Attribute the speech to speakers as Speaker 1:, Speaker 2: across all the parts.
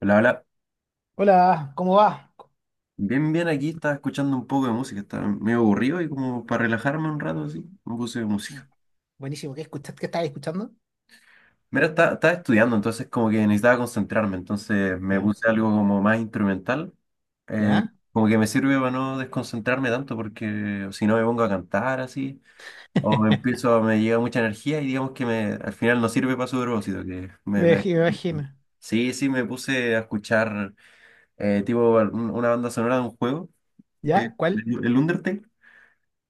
Speaker 1: Hola, hola.
Speaker 2: Hola, ¿cómo va?
Speaker 1: Bien, bien, aquí estaba escuchando un poco de música, estaba medio aburrido y como para relajarme un rato así, me puse música.
Speaker 2: Buenísimo, ¿qué escuchas? ¿Qué estabas escuchando?
Speaker 1: Mira, estaba estudiando, entonces como que necesitaba concentrarme, entonces me
Speaker 2: Ya,
Speaker 1: puse algo como más instrumental, eh,
Speaker 2: ya.
Speaker 1: como que me sirve para no desconcentrarme tanto porque si no me pongo a cantar así, o me empiezo, me llega mucha energía y digamos que me, al final no sirve para su propósito, que me,
Speaker 2: Me
Speaker 1: me-
Speaker 2: imagi- me imagino.
Speaker 1: Sí, sí, me puse a escuchar tipo una banda sonora de un juego, que
Speaker 2: ¿Ya? ¿Cuál?
Speaker 1: el Undertale.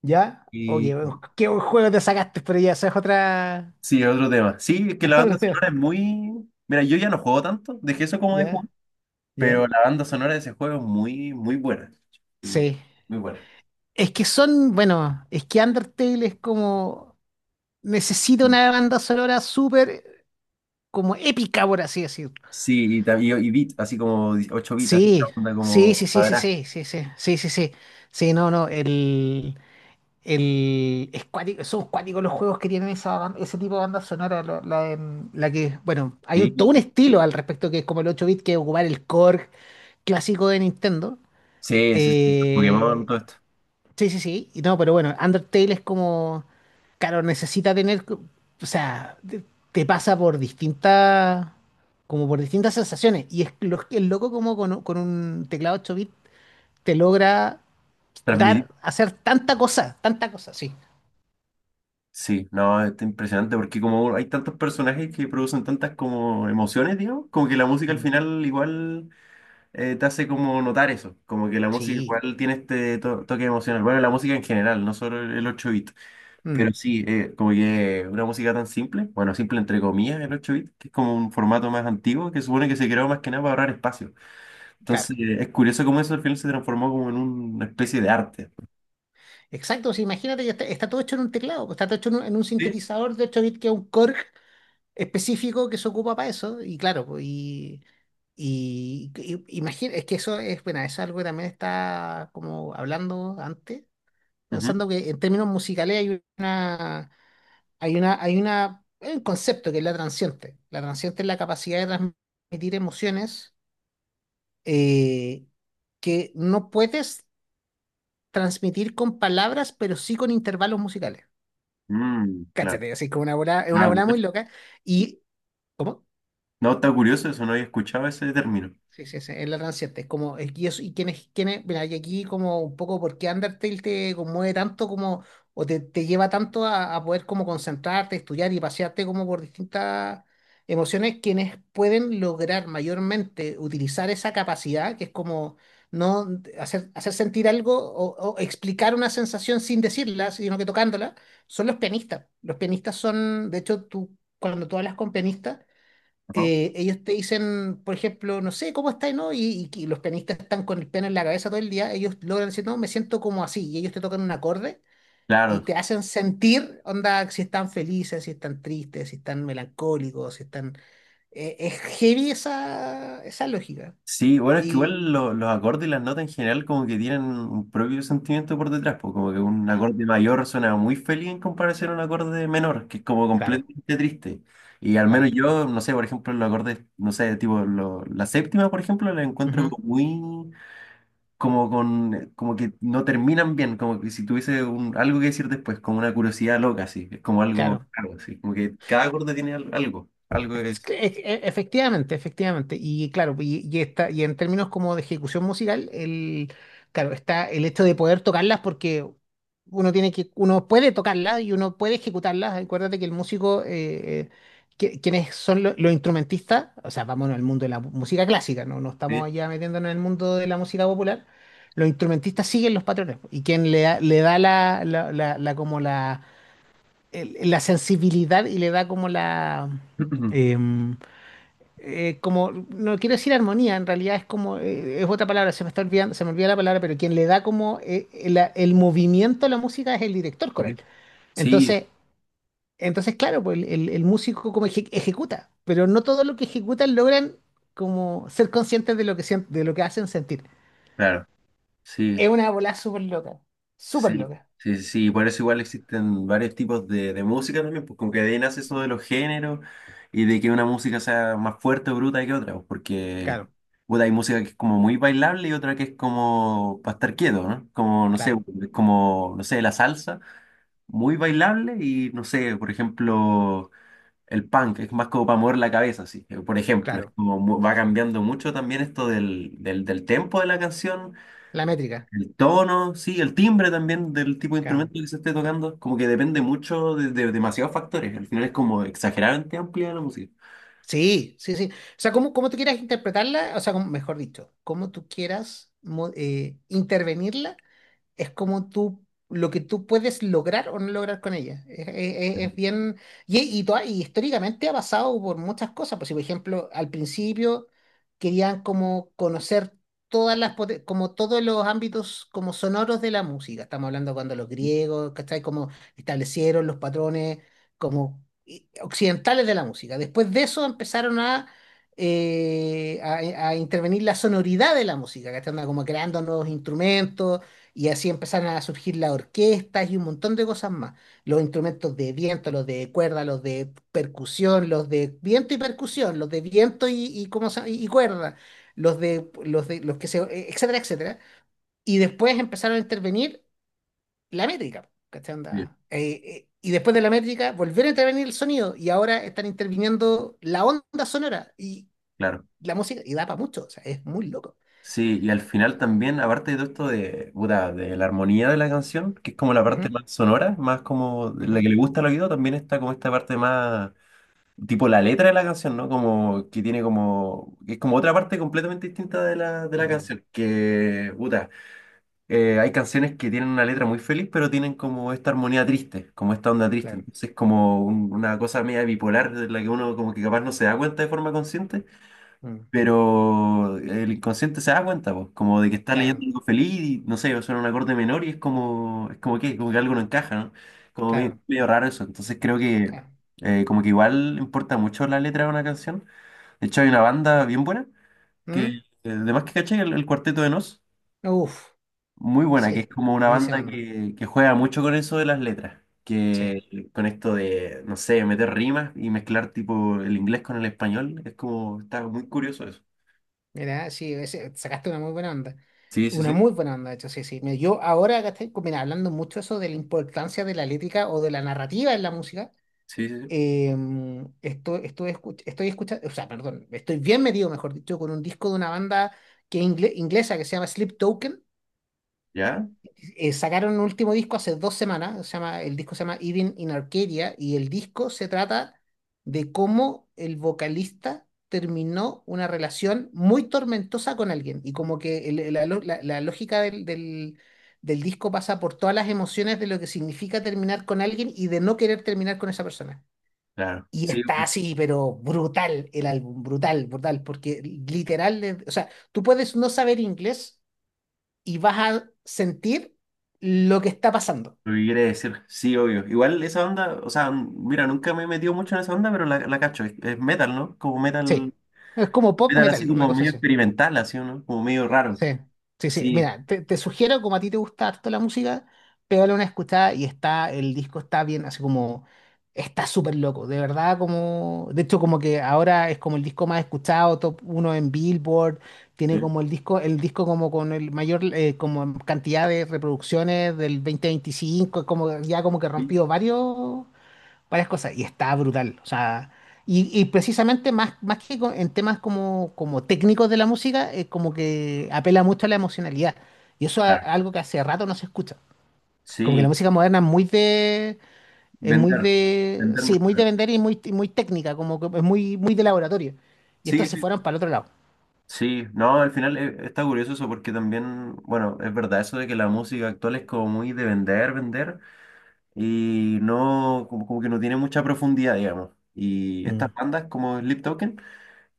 Speaker 2: ¿Ya? Oh,
Speaker 1: Y
Speaker 2: qué buen juego te sacaste, pero ya, esa es otra.
Speaker 1: sí, es otro tema. Sí, es que la banda
Speaker 2: Otro tema.
Speaker 1: sonora es muy... Mira, yo ya no juego tanto, dejé eso como de jugar,
Speaker 2: ¿Ya? ¿Ya?
Speaker 1: pero la banda sonora de ese juego es muy, muy buena. Y
Speaker 2: Sí.
Speaker 1: muy buena.
Speaker 2: Es que son, bueno, es que Undertale es como. Necesita una banda sonora súper, como épica, por así decirlo.
Speaker 1: Sí, y, y beat, así como 8 bits, así esta
Speaker 2: Sí,
Speaker 1: onda
Speaker 2: sí, sí,
Speaker 1: como
Speaker 2: sí, sí,
Speaker 1: cuadrada.
Speaker 2: sí, sí, sí, sí, sí, sí. Sí, sí, no, no, el. Son cuáticos los juegos que tienen ese tipo de banda sonora, la que, bueno, todo un
Speaker 1: Sí,
Speaker 2: estilo al respecto que es como el ocho bit que ocupar el core clásico de Nintendo.
Speaker 1: sí, sí, sí, Pokémon,
Speaker 2: Eh,
Speaker 1: todo esto.
Speaker 2: sí, sí, sí, y no, pero bueno, Undertale es como, claro, necesita tener, o sea, te, pasa por distintas, como por distintas sensaciones, y es lo, el loco como con un teclado ocho bit te logra
Speaker 1: Transmitir.
Speaker 2: dar, hacer tanta cosa, sí.
Speaker 1: Sí, no, está impresionante porque como hay tantos personajes que producen tantas como emociones, digamos, como que la música al
Speaker 2: Mm.
Speaker 1: final igual te hace como notar eso, como que la música
Speaker 2: Sí,
Speaker 1: igual tiene este toque emocional. Bueno, la música en general, no solo el 8-bit, pero
Speaker 2: mm,
Speaker 1: sí, como que una música tan simple, bueno, simple entre comillas, el 8-bit, que es como un formato más antiguo que supone que se creó más que nada para ahorrar espacio.
Speaker 2: claro.
Speaker 1: Entonces, es curioso cómo eso al final se transformó como en una especie de arte.
Speaker 2: Exacto, sí, imagínate, ya está, está todo hecho en un teclado, está todo hecho en un
Speaker 1: Sí.
Speaker 2: sintetizador de 8 bits que es un Korg específico que se ocupa para eso, y claro, pues, imagina, es que eso es, bueno, eso es algo que también está como hablando antes,
Speaker 1: Ujú.
Speaker 2: pensando que en términos musicales hay un concepto que es la transiente. La transiente es la capacidad de transmitir emociones, eh, que no puedes transmitir con palabras, pero sí con intervalos musicales.
Speaker 1: Mm, claro.
Speaker 2: Cáchate, así como una bola, es una
Speaker 1: Ah,
Speaker 2: bola
Speaker 1: curioso.
Speaker 2: muy loca. Y, ¿cómo?
Speaker 1: No, está curioso eso, no había escuchado ese término.
Speaker 2: Sí, sí, sí, es la ranciente. Es como, y, eso, y mira, y aquí como un poco por qué Undertale te conmueve tanto como, o te, lleva tanto a poder como concentrarte, estudiar y pasearte como por distintas emociones, quienes pueden lograr mayormente utilizar esa capacidad, que es como no hacer sentir algo o explicar una sensación sin decirla, sino que tocándola, son los pianistas. Los pianistas son, de hecho, tú, cuando tú hablas con pianistas,
Speaker 1: Ajá.
Speaker 2: ellos te dicen, por ejemplo, no sé, ¿cómo estás, no? Y los pianistas están con el piano en la cabeza todo el día, ellos logran decir, no, me siento como así, y ellos te tocan un acorde y
Speaker 1: Claro,
Speaker 2: te hacen sentir, onda, si están felices, si están tristes, si están melancólicos, si están... es heavy esa lógica.
Speaker 1: sí, bueno, es que
Speaker 2: Y
Speaker 1: igual los acordes y las notas en general como que tienen un propio sentimiento por detrás, pues como que un
Speaker 2: claro,
Speaker 1: acorde mayor suena muy feliz en comparación a un acorde menor, que es como
Speaker 2: claro,
Speaker 1: completamente triste. Y al menos
Speaker 2: claro.
Speaker 1: yo, no sé, por ejemplo, los acordes, no sé, tipo la séptima, por ejemplo, la encuentro
Speaker 2: Ujú,
Speaker 1: como muy, como con, como que no terminan bien, como que si tuviese un- algo que decir después, como una curiosidad loca, así, es como algo,
Speaker 2: claro,
Speaker 1: algo así, como que cada acorde tiene algo, algo que
Speaker 2: Es
Speaker 1: decir.
Speaker 2: que- e- e- efectivamente, efectivamente. Y claro, y está, y en términos como de ejecución musical, claro, está el hecho de poder tocarlas porque uno puede tocarlas y uno puede ejecutarlas. Acuérdate que el músico, quienes son los instrumentistas, o sea, vámonos al mundo de la música clásica, no, no estamos
Speaker 1: ¿Sí?
Speaker 2: allá metiéndonos en el mundo de la música popular. Los instrumentistas siguen los patrones y quien le da la sensibilidad y le da como la em, como, no quiero decir armonía, en realidad es como, es otra palabra, se me está olvidando, se me olvida la palabra, pero quien le da como, el movimiento a la música es el director coral.
Speaker 1: Sí, sí,
Speaker 2: Entonces, claro, pues el músico como ejecuta, pero no todo lo que ejecutan logran como ser conscientes de lo que, de lo que hacen sentir.
Speaker 1: claro,
Speaker 2: Es
Speaker 1: sí.
Speaker 2: una bola súper loca, súper
Speaker 1: Sí,
Speaker 2: loca.
Speaker 1: sí, sí, sí, por eso igual existen varios tipos de música también, pues como que de ahí nace eso de los géneros y de que una música sea más fuerte o bruta que otra, pues, porque
Speaker 2: Claro,
Speaker 1: puta, hay música que es como muy bailable y otra que es como para estar quieto, ¿no?
Speaker 2: claro,
Speaker 1: Como, no sé, la salsa, muy bailable y, no sé, por ejemplo, el punk, es más como para mover la cabeza, así, por ejemplo, es
Speaker 2: claro.
Speaker 1: como mu- va cambiando mucho también esto del tempo de la canción,
Speaker 2: La métrica.
Speaker 1: el tono, sí, el timbre también del tipo de
Speaker 2: Claro.
Speaker 1: instrumento que se esté tocando, como que depende mucho de demasiados factores. Al final es como exageradamente amplia la música.
Speaker 2: Sí, sí, sí. O sea, como tú quieras interpretarla, o sea, mejor dicho, como tú quieras intervenirla, es como tú, lo que tú puedes lograr o no lograr con ella. Es, es-
Speaker 1: Ujú,
Speaker 2: es bien, y, y históricamente ha pasado por muchas cosas. Pues, si, por ejemplo, al principio querían como conocer todas como todos los ámbitos como sonoros de la música. Estamos hablando cuando los griegos, ¿cachai? Como establecieron los patrones occidentales de la música. Después de eso empezaron a... a intervenir la sonoridad de la música, ¿cachai? Anda como creando nuevos instrumentos, y así empezaron a surgir las orquestas y un montón de cosas más. Los instrumentos de viento, los de cuerda, los de percusión, los de viento y percusión, los de viento y, ¿cómo se llama? Y cuerda, los de los que se, etcétera, etcétera. Y después empezaron a intervenir la métrica, ¿cachai?
Speaker 1: sí.
Speaker 2: Onda, y después de la métrica volvieron a intervenir el sonido y ahora están interviniendo la onda sonora y
Speaker 1: Claro.
Speaker 2: la música, y da para mucho, o sea, es muy loco.
Speaker 1: Sí, y al final también, aparte de todo esto de, puta, de la armonía de la canción, que es como la parte
Speaker 2: Ujú,
Speaker 1: más sonora, más como la
Speaker 2: ujú,
Speaker 1: que le gusta al oído, también está como esta parte más, tipo la letra de la canción, ¿no? Como que tiene como, que es como otra parte completamente distinta de la
Speaker 2: ujú,
Speaker 1: canción, que, puta, hay canciones que tienen una letra muy feliz, pero tienen como esta armonía triste, como esta onda triste.
Speaker 2: claro,
Speaker 1: Entonces, como un- una cosa media bipolar de la que uno como que capaz no se da cuenta de forma consciente,
Speaker 2: mm,
Speaker 1: pero el inconsciente se da cuenta, pues, como de que está leyendo
Speaker 2: claro,
Speaker 1: algo feliz y no sé, suena un acorde menor y es como que algo no encaja, ¿no? Como medio,
Speaker 2: claro.
Speaker 1: medio raro eso. Entonces creo que
Speaker 2: Claro.
Speaker 1: como que igual importa mucho la letra de una canción. De hecho, hay una banda bien buena que,
Speaker 2: ¿Mm?
Speaker 1: además que caché, el Cuarteto de Nos.
Speaker 2: Uf,
Speaker 1: Muy buena, que es
Speaker 2: sí,
Speaker 1: como una
Speaker 2: buenísima
Speaker 1: banda
Speaker 2: onda.
Speaker 1: que juega mucho con eso de las letras,
Speaker 2: Sí,
Speaker 1: que con esto de, no sé, meter rimas y mezclar tipo el inglés con el español, es como, está muy curioso eso.
Speaker 2: mira, sí, sacaste una muy buena onda.
Speaker 1: Sí, sí,
Speaker 2: Una
Speaker 1: sí,
Speaker 2: muy buena onda, de hecho, sí, sí. Mira, yo ahora acá estoy, mira, hablando mucho eso de la importancia de la lírica o de la narrativa en la música.
Speaker 1: sí, sí, sí.
Speaker 2: Estoy escuchando, o sea, perdón, estoy bien metido, mejor dicho, con un disco de una banda inglesa que se llama Sleep Token.
Speaker 1: ¿Ya?
Speaker 2: Sacaron un último disco hace dos semanas, el disco se llama Even in Arcadia, y el disco se trata de cómo el vocalista terminó una relación muy tormentosa con alguien, y como que la lógica del disco pasa por todas las emociones de lo que significa terminar con alguien y de no querer terminar con esa persona.
Speaker 1: Claro,
Speaker 2: Y
Speaker 1: sí,
Speaker 2: está
Speaker 1: lo
Speaker 2: así, pero brutal el álbum, brutal, brutal, porque literal, o sea, tú puedes no saber inglés y vas a sentir lo que está pasando.
Speaker 1: lo que quiere decir, sí, obvio. Igual esa onda, o sea, n- mira, nunca me he metido mucho en esa onda, pero la cacho, es metal, ¿no? Como metal,
Speaker 2: Sí. Es como pop
Speaker 1: metal así
Speaker 2: metal, una
Speaker 1: como
Speaker 2: cosa
Speaker 1: medio
Speaker 2: así.
Speaker 1: experimental, así, ¿no? Como medio raro.
Speaker 2: Sí, sí, sí.
Speaker 1: Sí,
Speaker 2: Mira, te, sugiero, como a ti te gusta harto la música, pégale una escuchada y está, el disco está bien, así como, está súper loco, de verdad, como, de hecho, como que ahora es como el disco más escuchado, top uno en Billboard, tiene
Speaker 1: sí,
Speaker 2: como el disco, como con el mayor, como cantidad de reproducciones del 2025, como ya como que
Speaker 1: sí,
Speaker 2: rompió varios, varias cosas y está brutal. O sea, y precisamente más, más que en temas como, como técnicos de la música, es como que apela mucho a la emocionalidad. Y eso es
Speaker 1: claro.
Speaker 2: algo que hace rato no se escucha. Como que la
Speaker 1: Sí,
Speaker 2: música moderna es muy de, es muy
Speaker 1: vender,
Speaker 2: de,
Speaker 1: vender
Speaker 2: sí,
Speaker 1: más
Speaker 2: muy de
Speaker 1: caro.
Speaker 2: vender muy técnica, como que es muy, muy de laboratorio. Y estos
Speaker 1: Sí,
Speaker 2: se
Speaker 1: sí,
Speaker 2: fueron para el otro lado.
Speaker 1: sí, no, al final está curioso eso porque también, bueno, es verdad eso de que la música actual es como muy de vender, vender y no, como, como que no tiene mucha profundidad, digamos. Y
Speaker 2: Mm.
Speaker 1: estas bandas como Sleep Token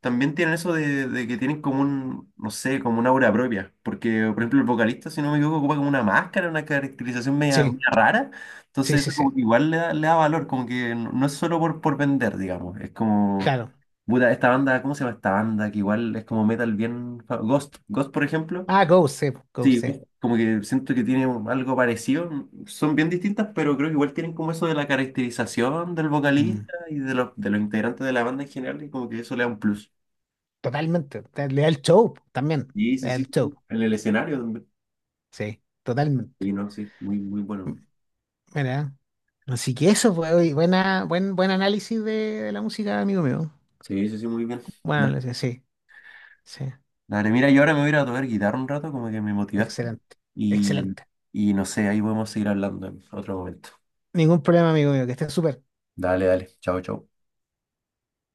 Speaker 1: también tienen eso de que tienen como un, no sé, como una aura propia. Porque, por ejemplo, el vocalista, si no me equivoco, ocupa como una máscara, una caracterización media,
Speaker 2: Sí,
Speaker 1: media rara. Entonces
Speaker 2: sí, sí,
Speaker 1: eso como
Speaker 2: sí.
Speaker 1: que igual le da valor, como que no, no es solo por vender, digamos, es como
Speaker 2: Claro.
Speaker 1: puta, esta banda, ¿cómo se llama esta banda? Que igual es como metal bien... fa- Ghost, Ghost, por ejemplo.
Speaker 2: Ah, Ghost, sí, Ghost,
Speaker 1: Sí,
Speaker 2: sí.
Speaker 1: Ghost, como que siento que tiene un- algo parecido. Son bien distintas, pero creo que igual tienen como eso de la caracterización del
Speaker 2: Mm.
Speaker 1: vocalista y de los integrantes de la banda en general, y como que eso le da un plus.
Speaker 2: Totalmente. Le da el show también.
Speaker 1: Sí,
Speaker 2: Le
Speaker 1: sí,
Speaker 2: da
Speaker 1: sí,
Speaker 2: el
Speaker 1: sí.
Speaker 2: show.
Speaker 1: En el escenario también.
Speaker 2: Sí,
Speaker 1: Y
Speaker 2: totalmente.
Speaker 1: no, sí, muy, muy bueno.
Speaker 2: Mira. Así que eso fue hoy. Buena, buen, buen análisis de la música, amigo mío.
Speaker 1: Sí, sí, sí, muy bien.
Speaker 2: Buen
Speaker 1: Da-
Speaker 2: análisis, sí, sí.
Speaker 1: Dale, mira, yo ahora me voy a ir a tocar guitarra un rato, como que me motivaste.
Speaker 2: Excelente,
Speaker 1: Y,
Speaker 2: excelente.
Speaker 1: y no sé, ahí podemos seguir hablando en otro momento.
Speaker 2: Ningún problema, amigo mío, que estés súper.
Speaker 1: Dale, dale. Chao, chao.